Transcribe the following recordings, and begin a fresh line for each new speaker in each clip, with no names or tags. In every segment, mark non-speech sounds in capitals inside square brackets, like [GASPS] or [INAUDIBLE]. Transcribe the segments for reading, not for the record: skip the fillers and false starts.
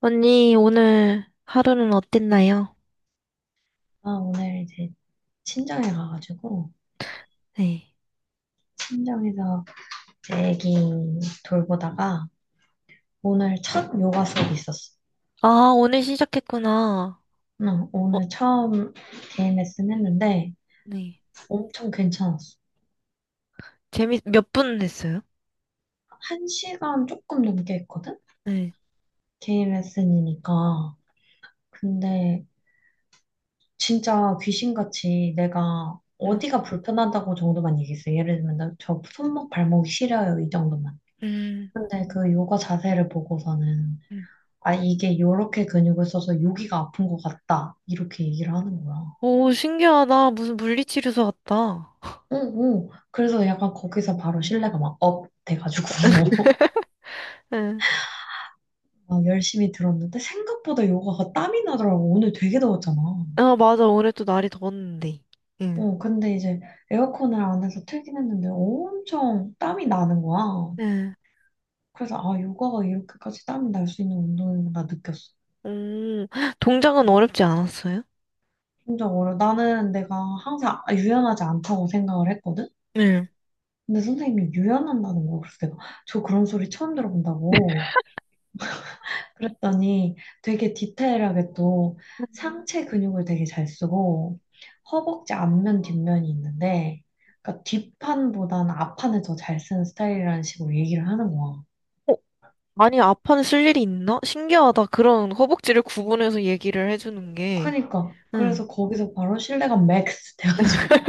언니, 오늘 하루는 어땠나요?
아, 오늘 이제 친정에 가가지고,
네.
친정에서 제 애기 돌보다가, 오늘 첫 요가 수업이 있었어.
아, 오늘 시작했구나.
응,
어,
오늘 처음 DMS는 했는데,
네.
엄청 괜찮았어.
몇 분 했어요?
한 시간 조금 넘게 했거든?
네.
DMS니까. 근데, 진짜 귀신같이 내가
음,
어디가 불편하다고 정도만 얘기했어. 예를 들면, 나 저 손목, 발목이 시려요. 이 정도만.
음,
근데 그 요가 자세를 보고서는,
음.
아, 이게 요렇게 근육을 써서 여기가 아픈 것 같다. 이렇게 얘기를 하는 거야.
오, 신기하다. 무슨 물리치료소 같다. [LAUGHS]
응, 응. 그래서 약간 거기서 바로 신뢰가 막 업 돼가지고 [LAUGHS]
네.
막 열심히 들었는데 생각보다 요가가 땀이 나더라고. 오늘 되게 더웠잖아.
아, 맞아. 올해 또 날이 더웠는데. 응.
어, 근데 이제 에어컨을 안에서 틀긴 했는데 엄청 땀이 나는 거야.
네.
그래서 아, 요가가 이렇게까지 땀이 날 수 있는 운동이구나 느꼈어.
음, 동작은 어렵지 않았어요?
진짜 어려. 나는 내가 항상 유연하지 않다고 생각을 했거든.
네.
근데 선생님이 유연한다는 거 그래서 내가 저 그런 소리 처음 들어본다고 그랬더니 되게 디테일하게 또 상체 근육을 되게 잘 쓰고 허벅지 앞면 뒷면이 있는데 그러니까 뒷판보다는 앞판을 더 잘 쓰는 스타일이라는 식으로 얘기를 하는 거야.
어, 아니, 아파는 쓸 일이 있나? 신기하다. 그런 허벅지를 구분해서 얘기를 해주는 게.
그러니까
응.
그래서 거기서 바로 신뢰감 맥스 돼가지고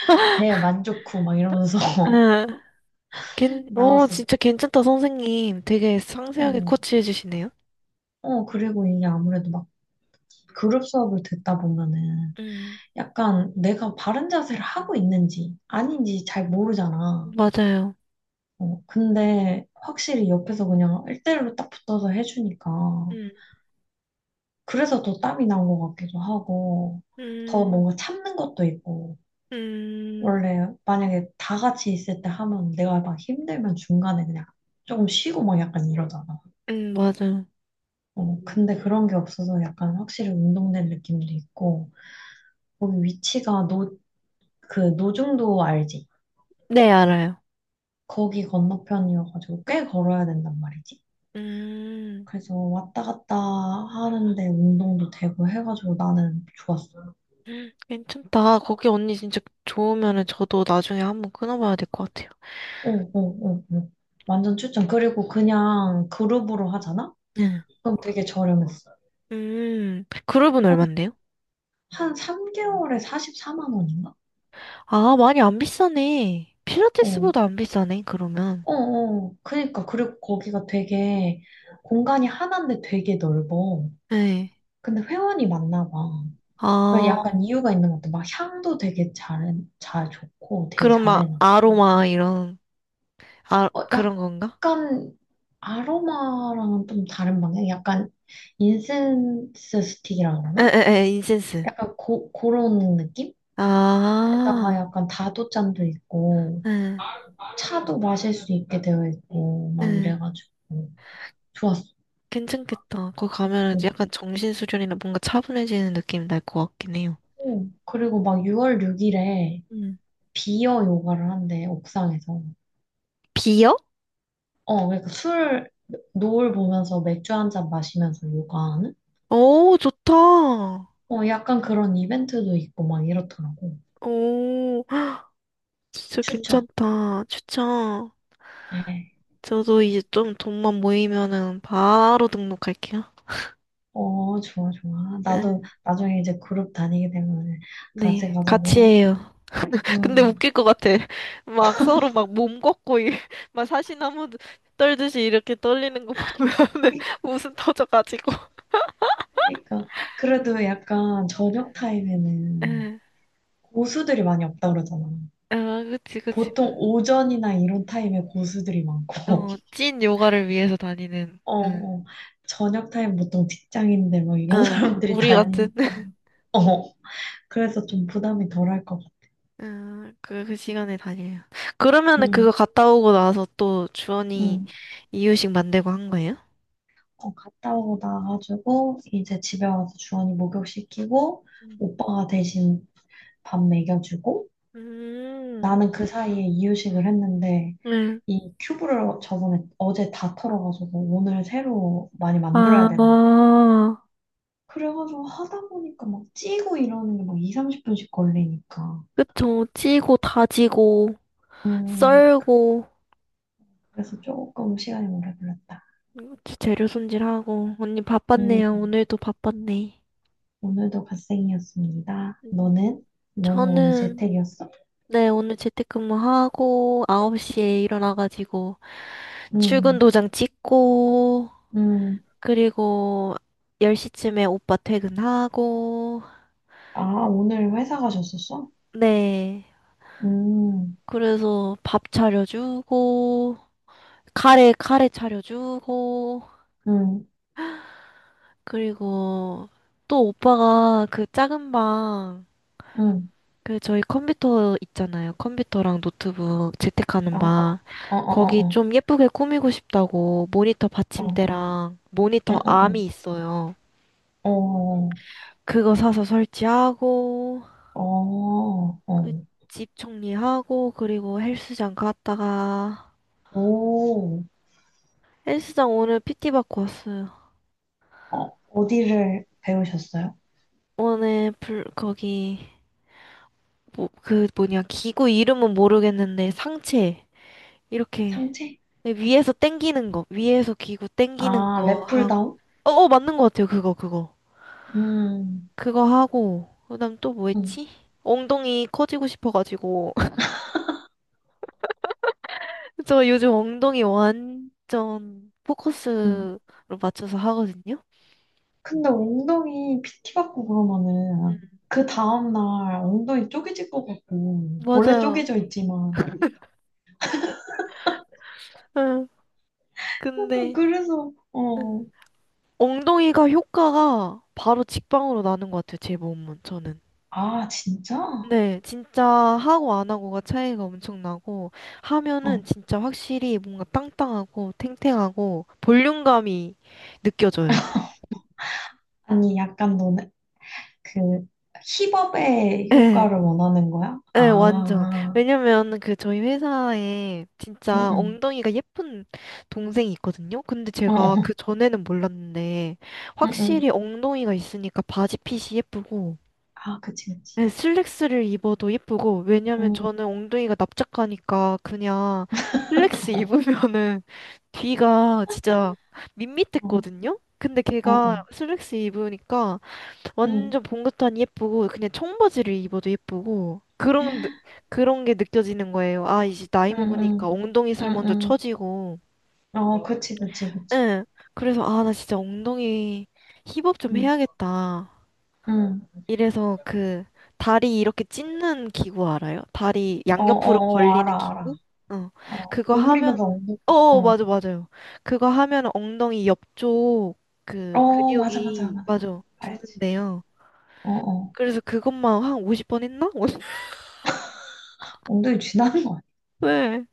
[LAUGHS] 대만족 후 막 이러면서
응.
[LAUGHS] 나
오,
왔어
진짜 괜찮다, 선생님. 되게 상세하게
어,
코치해 주시네요.
어 그리고 이게 아무래도 막 그룹 수업을 듣다 보면은
음,
약간 내가 바른 자세를 하고 있는지 아닌지 잘 모르잖아.
맞아요.
어, 근데 확실히 옆에서 그냥 1대1로 딱 붙어서 해주니까
음,
그래서 더 땀이 난 것 같기도 하고 더
음,
뭔가 참는 것도 있고
음,
원래 만약에 다 같이 있을 때 하면 내가 막 힘들면 중간에 그냥 조금 쉬고 막 약간 이러잖아.
맞아요.
어, 근데 그런 게 없어서 약간 확실히 운동된 느낌도 있고 거기 위치가 그 노중도 알지?
네, 알아요.
거기 건너편이어가지고 꽤 걸어야 된단 말이지.
음,
그래서 왔다 갔다 하는데 운동도 되고 해가지고 나는 좋았어.
괜찮다. 거기 언니 진짜 좋으면은 저도 나중에 한번 끊어봐야 될 것 같아요.
어, 어, 어, 어. 완전 추천. 그리고 그냥 그룹으로 하잖아?
네.
그럼 되게 저렴했어.
그룹은
한,
얼만데요?
한 3개월에 44만 원인가?
아, 많이 안 비싸네.
어,
필라테스보다 안 비싸네, 그러면.
어, 어. 그니까. 그리고 거기가 되게 공간이 하나인데 되게 넓어.
네.
근데 회원이 많나 봐. 그러니까 약간
아,
이유가 있는 것 같아. 막 향도 되게 잘 좋고 되게
그럼 막
잘해놔.
아로마 이런, 아,
어,
그런 건가?
약간 아로마랑은 좀 다른 방향? 약간 인센스 스틱이라 그러나?
에에에 인센스.
약간 그런 느낌? 에다가
아,
약간 다도잔도 있고
에,
차도 마실 수 있게 되어 있고 막
에.
이래가지고 좋았어.
괜찮겠다. 거기 가면 약간 정신수련이나 뭔가 차분해지는 느낌 날 것 같긴 해요.
어, 그리고 막 6월 6일에
음.
비어 요가를 한대 옥상에서.
비어?
어 그러니까 술 노을 보면서 맥주 한 잔 마시면서 요가하는?
오, 좋다.
어 약간 그런 이벤트도 있고 막 이렇더라고.
오, [GASPS] 진짜
추천.
괜찮다. 추천.
네.
저도 이제 좀 돈만 모이면은 바로 등록할게요.
어, 좋아, 좋아. 나도
응.
나중에 이제 그룹 다니게 되면 같이
네, 같이
가자고.
해요. 근데
음.
웃길 것 같아. [LAUGHS] 막 서로 막 몸 걷고 이- [LAUGHS] 막 사시나무 떨듯이 이렇게 떨리는 거 보면 [LAUGHS]
[LAUGHS]
웃음 터져가지고.
그러니까. 그래도 약간 저녁 타임에는
응,
고수들이 많이 없다 그러잖아.
아, 그치, 그치.
보통 오전이나 이런 타임에 고수들이 많고,
어,
[LAUGHS]
찐 요가를 위해서 다니는.
어,
응.
어. 저녁 타임 보통 직장인들 뭐 이런 [LAUGHS]
어,
사람들이
우리 같은.
다니니까.
[LAUGHS]
어, 그래서 좀 부담이 덜할 것 같아.
응, 그 시간에 다녀요. 그러면은 그거
응,
갔다 오고 나서 또 주원이
응.
이유식 만들고 한 거예요?
어, 갔다 오고 나가지고, 이제 집에 와서 주원이 목욕시키고,
음,
오빠가 대신 밥 먹여주고
음,
나는 그 사이에 이유식을 했는데
응.
이 큐브를 저번에 어제 다 털어가지고 오늘 새로 많이 만들어야
아,
되는 거야. 그래가지고 하다 보니까 막 찌고 이러는 게 막 2, 30분씩 걸리니까
그쵸. 찌고 다지고
음
썰고.
그래서 조금 시간이 오래 걸렸다.
그치, 재료 손질하고. 언니 바빴네요.
음
오늘도 바빴네.
오늘도 갓생이었습니다.
음,
너는? 너는 오늘
저는,
재택이었어?
네, 오늘 재택근무하고, 9시에 일어나가지고, 출근
음,
도장 찍고,
음.
그리고 10시쯤에 오빠 퇴근하고,
아 오늘 회사 가셨었어?
네.
음,
그래서 밥 차려주고, 카레 차려주고,
음,
그리고 또 오빠가 그 작은 방,
음.
그 저희 컴퓨터 있잖아요. 컴퓨터랑 노트북 재택하는
어, 어,
방.
어,
거기
어, 어.
좀 예쁘게 꾸미고 싶다고 모니터
어.
받침대랑
응,
모니터
응,
암이
응.
있어요.
어,
그거 사서 설치하고
어, 어.
그
어.
집 정리하고 그리고 헬스장 갔다가
오,
헬스장 오늘 PT 받고 왔어요.
어, 어디를 배우셨어요?
오늘 불 거기 뭐 그 뭐냐 기구 이름은 모르겠는데 상체 이렇게
상체?
위에서 당기는 거 위에서 기구 당기는
아,
거
랩풀다운?
어, 어, 맞는 것 같아요. 그거, 그거.
음,
그거 하고, 그다음 또 뭐
음,
했지? 엉덩이 커지고 싶어가지고. [LAUGHS] 저 요즘 엉덩이 완전
음.
포커스로 맞춰서 하거든요?
근데 엉덩이 PT 받고 그러면은
음.
그 다음날 엉덩이 쪼개질 것 같고, 원래
맞아요.
쪼개져 있지만,
응,
약간
근데,
그래서,
응.
어,
엉덩이가 효과가 바로 직방으로 나는 것 같아요. 제 몸은, 저는.
아, 진짜?
네, 진짜 하고 안 하고가 차이가 엄청 나고,
어.
하면은 진짜 확실히 뭔가 땅땅하고 탱탱하고 볼륨감이 느껴져요.
아니, 약간 너네, 그, 힙업의
예.
효과를 원하는 거야?
네, 완전.
아,
왜냐면 그 저희 회사에
응,
진짜
응.
엉덩이가 예쁜 동생이 있거든요. 근데
어.
제가 그
어.
전에는 몰랐는데
응,
확실히
응.
엉덩이가 있으니까 바지 핏이 예쁘고
아, 그치, 그치.
네, 슬랙스를 입어도 예쁘고 왜냐면
응,
저는 엉덩이가 납작하니까 그냥 슬랙스 입으면은 [LAUGHS] 뒤가 진짜
어,
밋밋했거든요. 근데
어,
걔가
어.
슬랙스 입으니까
응,
완전 봉긋한 예쁘고 그냥 청바지를 입어도 예쁘고 그런 느- 그런 게 느껴지는 거예요. 아 이제 나이
응,
먹으니까 엉덩이
응,
살 먼저
응,
처지고
응. 어, 그치, 그치, 그치.
응 그래서 아 나 진짜 엉덩이 힙업 좀
응,
해야겠다.
응.
이래서 그 다리 이렇게 찢는 기구 알아요? 다리
어,
양옆으로
어, 어,
벌리는
알아, 알아,
기구? 어
알아.
그거 하면
오므리면서 엉덩이,
어 어,
어.
맞아 맞아요. 그거 하면 엉덩이 옆쪽 그
어, 맞아, 맞아,
근육이
맞아.
맞아
알지.
붙는데요.
어, 어.
그래서 그것만 한 50번 했나?
엉덩이 쥐나는 거.
네.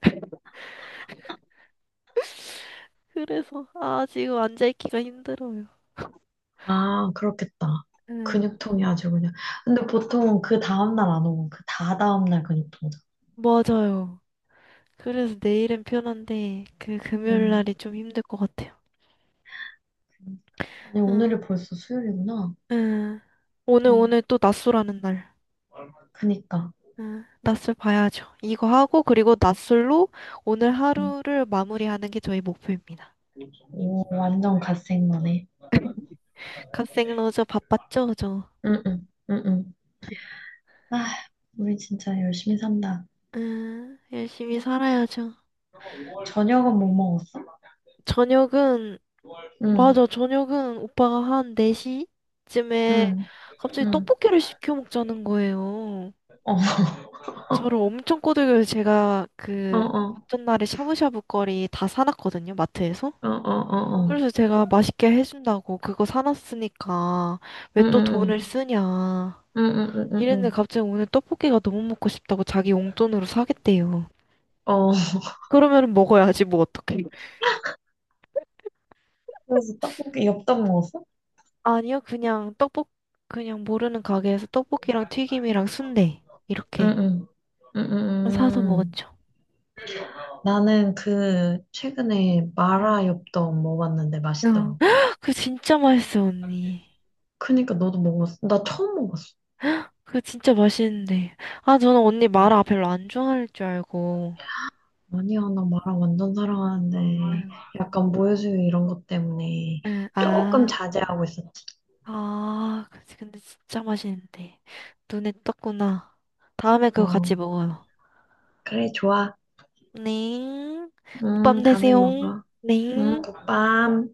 그래서, 아, 지금 앉아있기가 힘들어요.
아, 그렇겠다.
응,
근육통이 아주 그냥. 근데 보통 그 다음날 안 오고 그 다다음날 근육통 오잖아.
맞아요. 그래서 내일은 편한데, 그
야
금요일
응,
날이 좀 힘들 것 같아요.
아니,
응,
오늘이 벌써 수요일이구나.
응. 오늘,
응,
오늘 또 낮술하는 날.
그니까.
응, 낮술 봐야죠. 이거 하고, 그리고 낮술로 오늘 하루를 마무리하는 게 저희 목표입니다.
오, 완전 갓생머네.
갓생 러저 바빴죠, 저?
응응, 응응. 아, 우리 진짜 열심히 산다.
응, 열심히 살아야죠.
저녁은 못 먹었어?
저녁은
응,
맞아, 저녁은 오빠가 한 4시쯤에
응,
갑자기
응.
떡볶이를 시켜 먹자는 거예요.
어,
저를 엄청 꼬들겨서 제가
어,
그
어,
전날에 샤브샤브 거리 다 사놨거든요, 마트에서.
어, 어, 어, 어.
그래서 제가 맛있게 해준다고 그거 사놨으니까 왜
응,
또
응, 응,
돈을 쓰냐.
응, 응, 응,
이랬는데
응.
갑자기 오늘 떡볶이가 너무 먹고 싶다고 자기 용돈으로 사겠대요.
어,
그러면 먹어야지, 뭐 어떡해.
그래서 떡볶이, 엽떡 먹었어?
아니요, 그냥 모르는 가게에서 떡볶이랑 튀김이랑 순대.
응,
이렇게.
응, 응, 응.
사서
응.
먹었죠.
나는 그 최근에
음.
마라 엽떡 먹었는데
응.
맛있더라고.
[GASPS] 그거 진짜 맛있어, 언니.
그니까 너도 먹었어? 나 처음 먹었어.
그거 진짜 맛있는데. 아, 저는 언니 마라 별로 안 좋아할 줄 알고.
아니야, 나 마라 완전 사랑하는데,
응,
약간 모유수유 이런 것 때문에
응,
조금
아,
자제하고 있었지.
아, 그치. 근데 진짜 맛있는데. 눈에 떴구나. 다음에 그거
어,
같이 먹어요.
그래, 좋아.
네. 밤
다음에
되세요.
먹어.
네.
굿밤.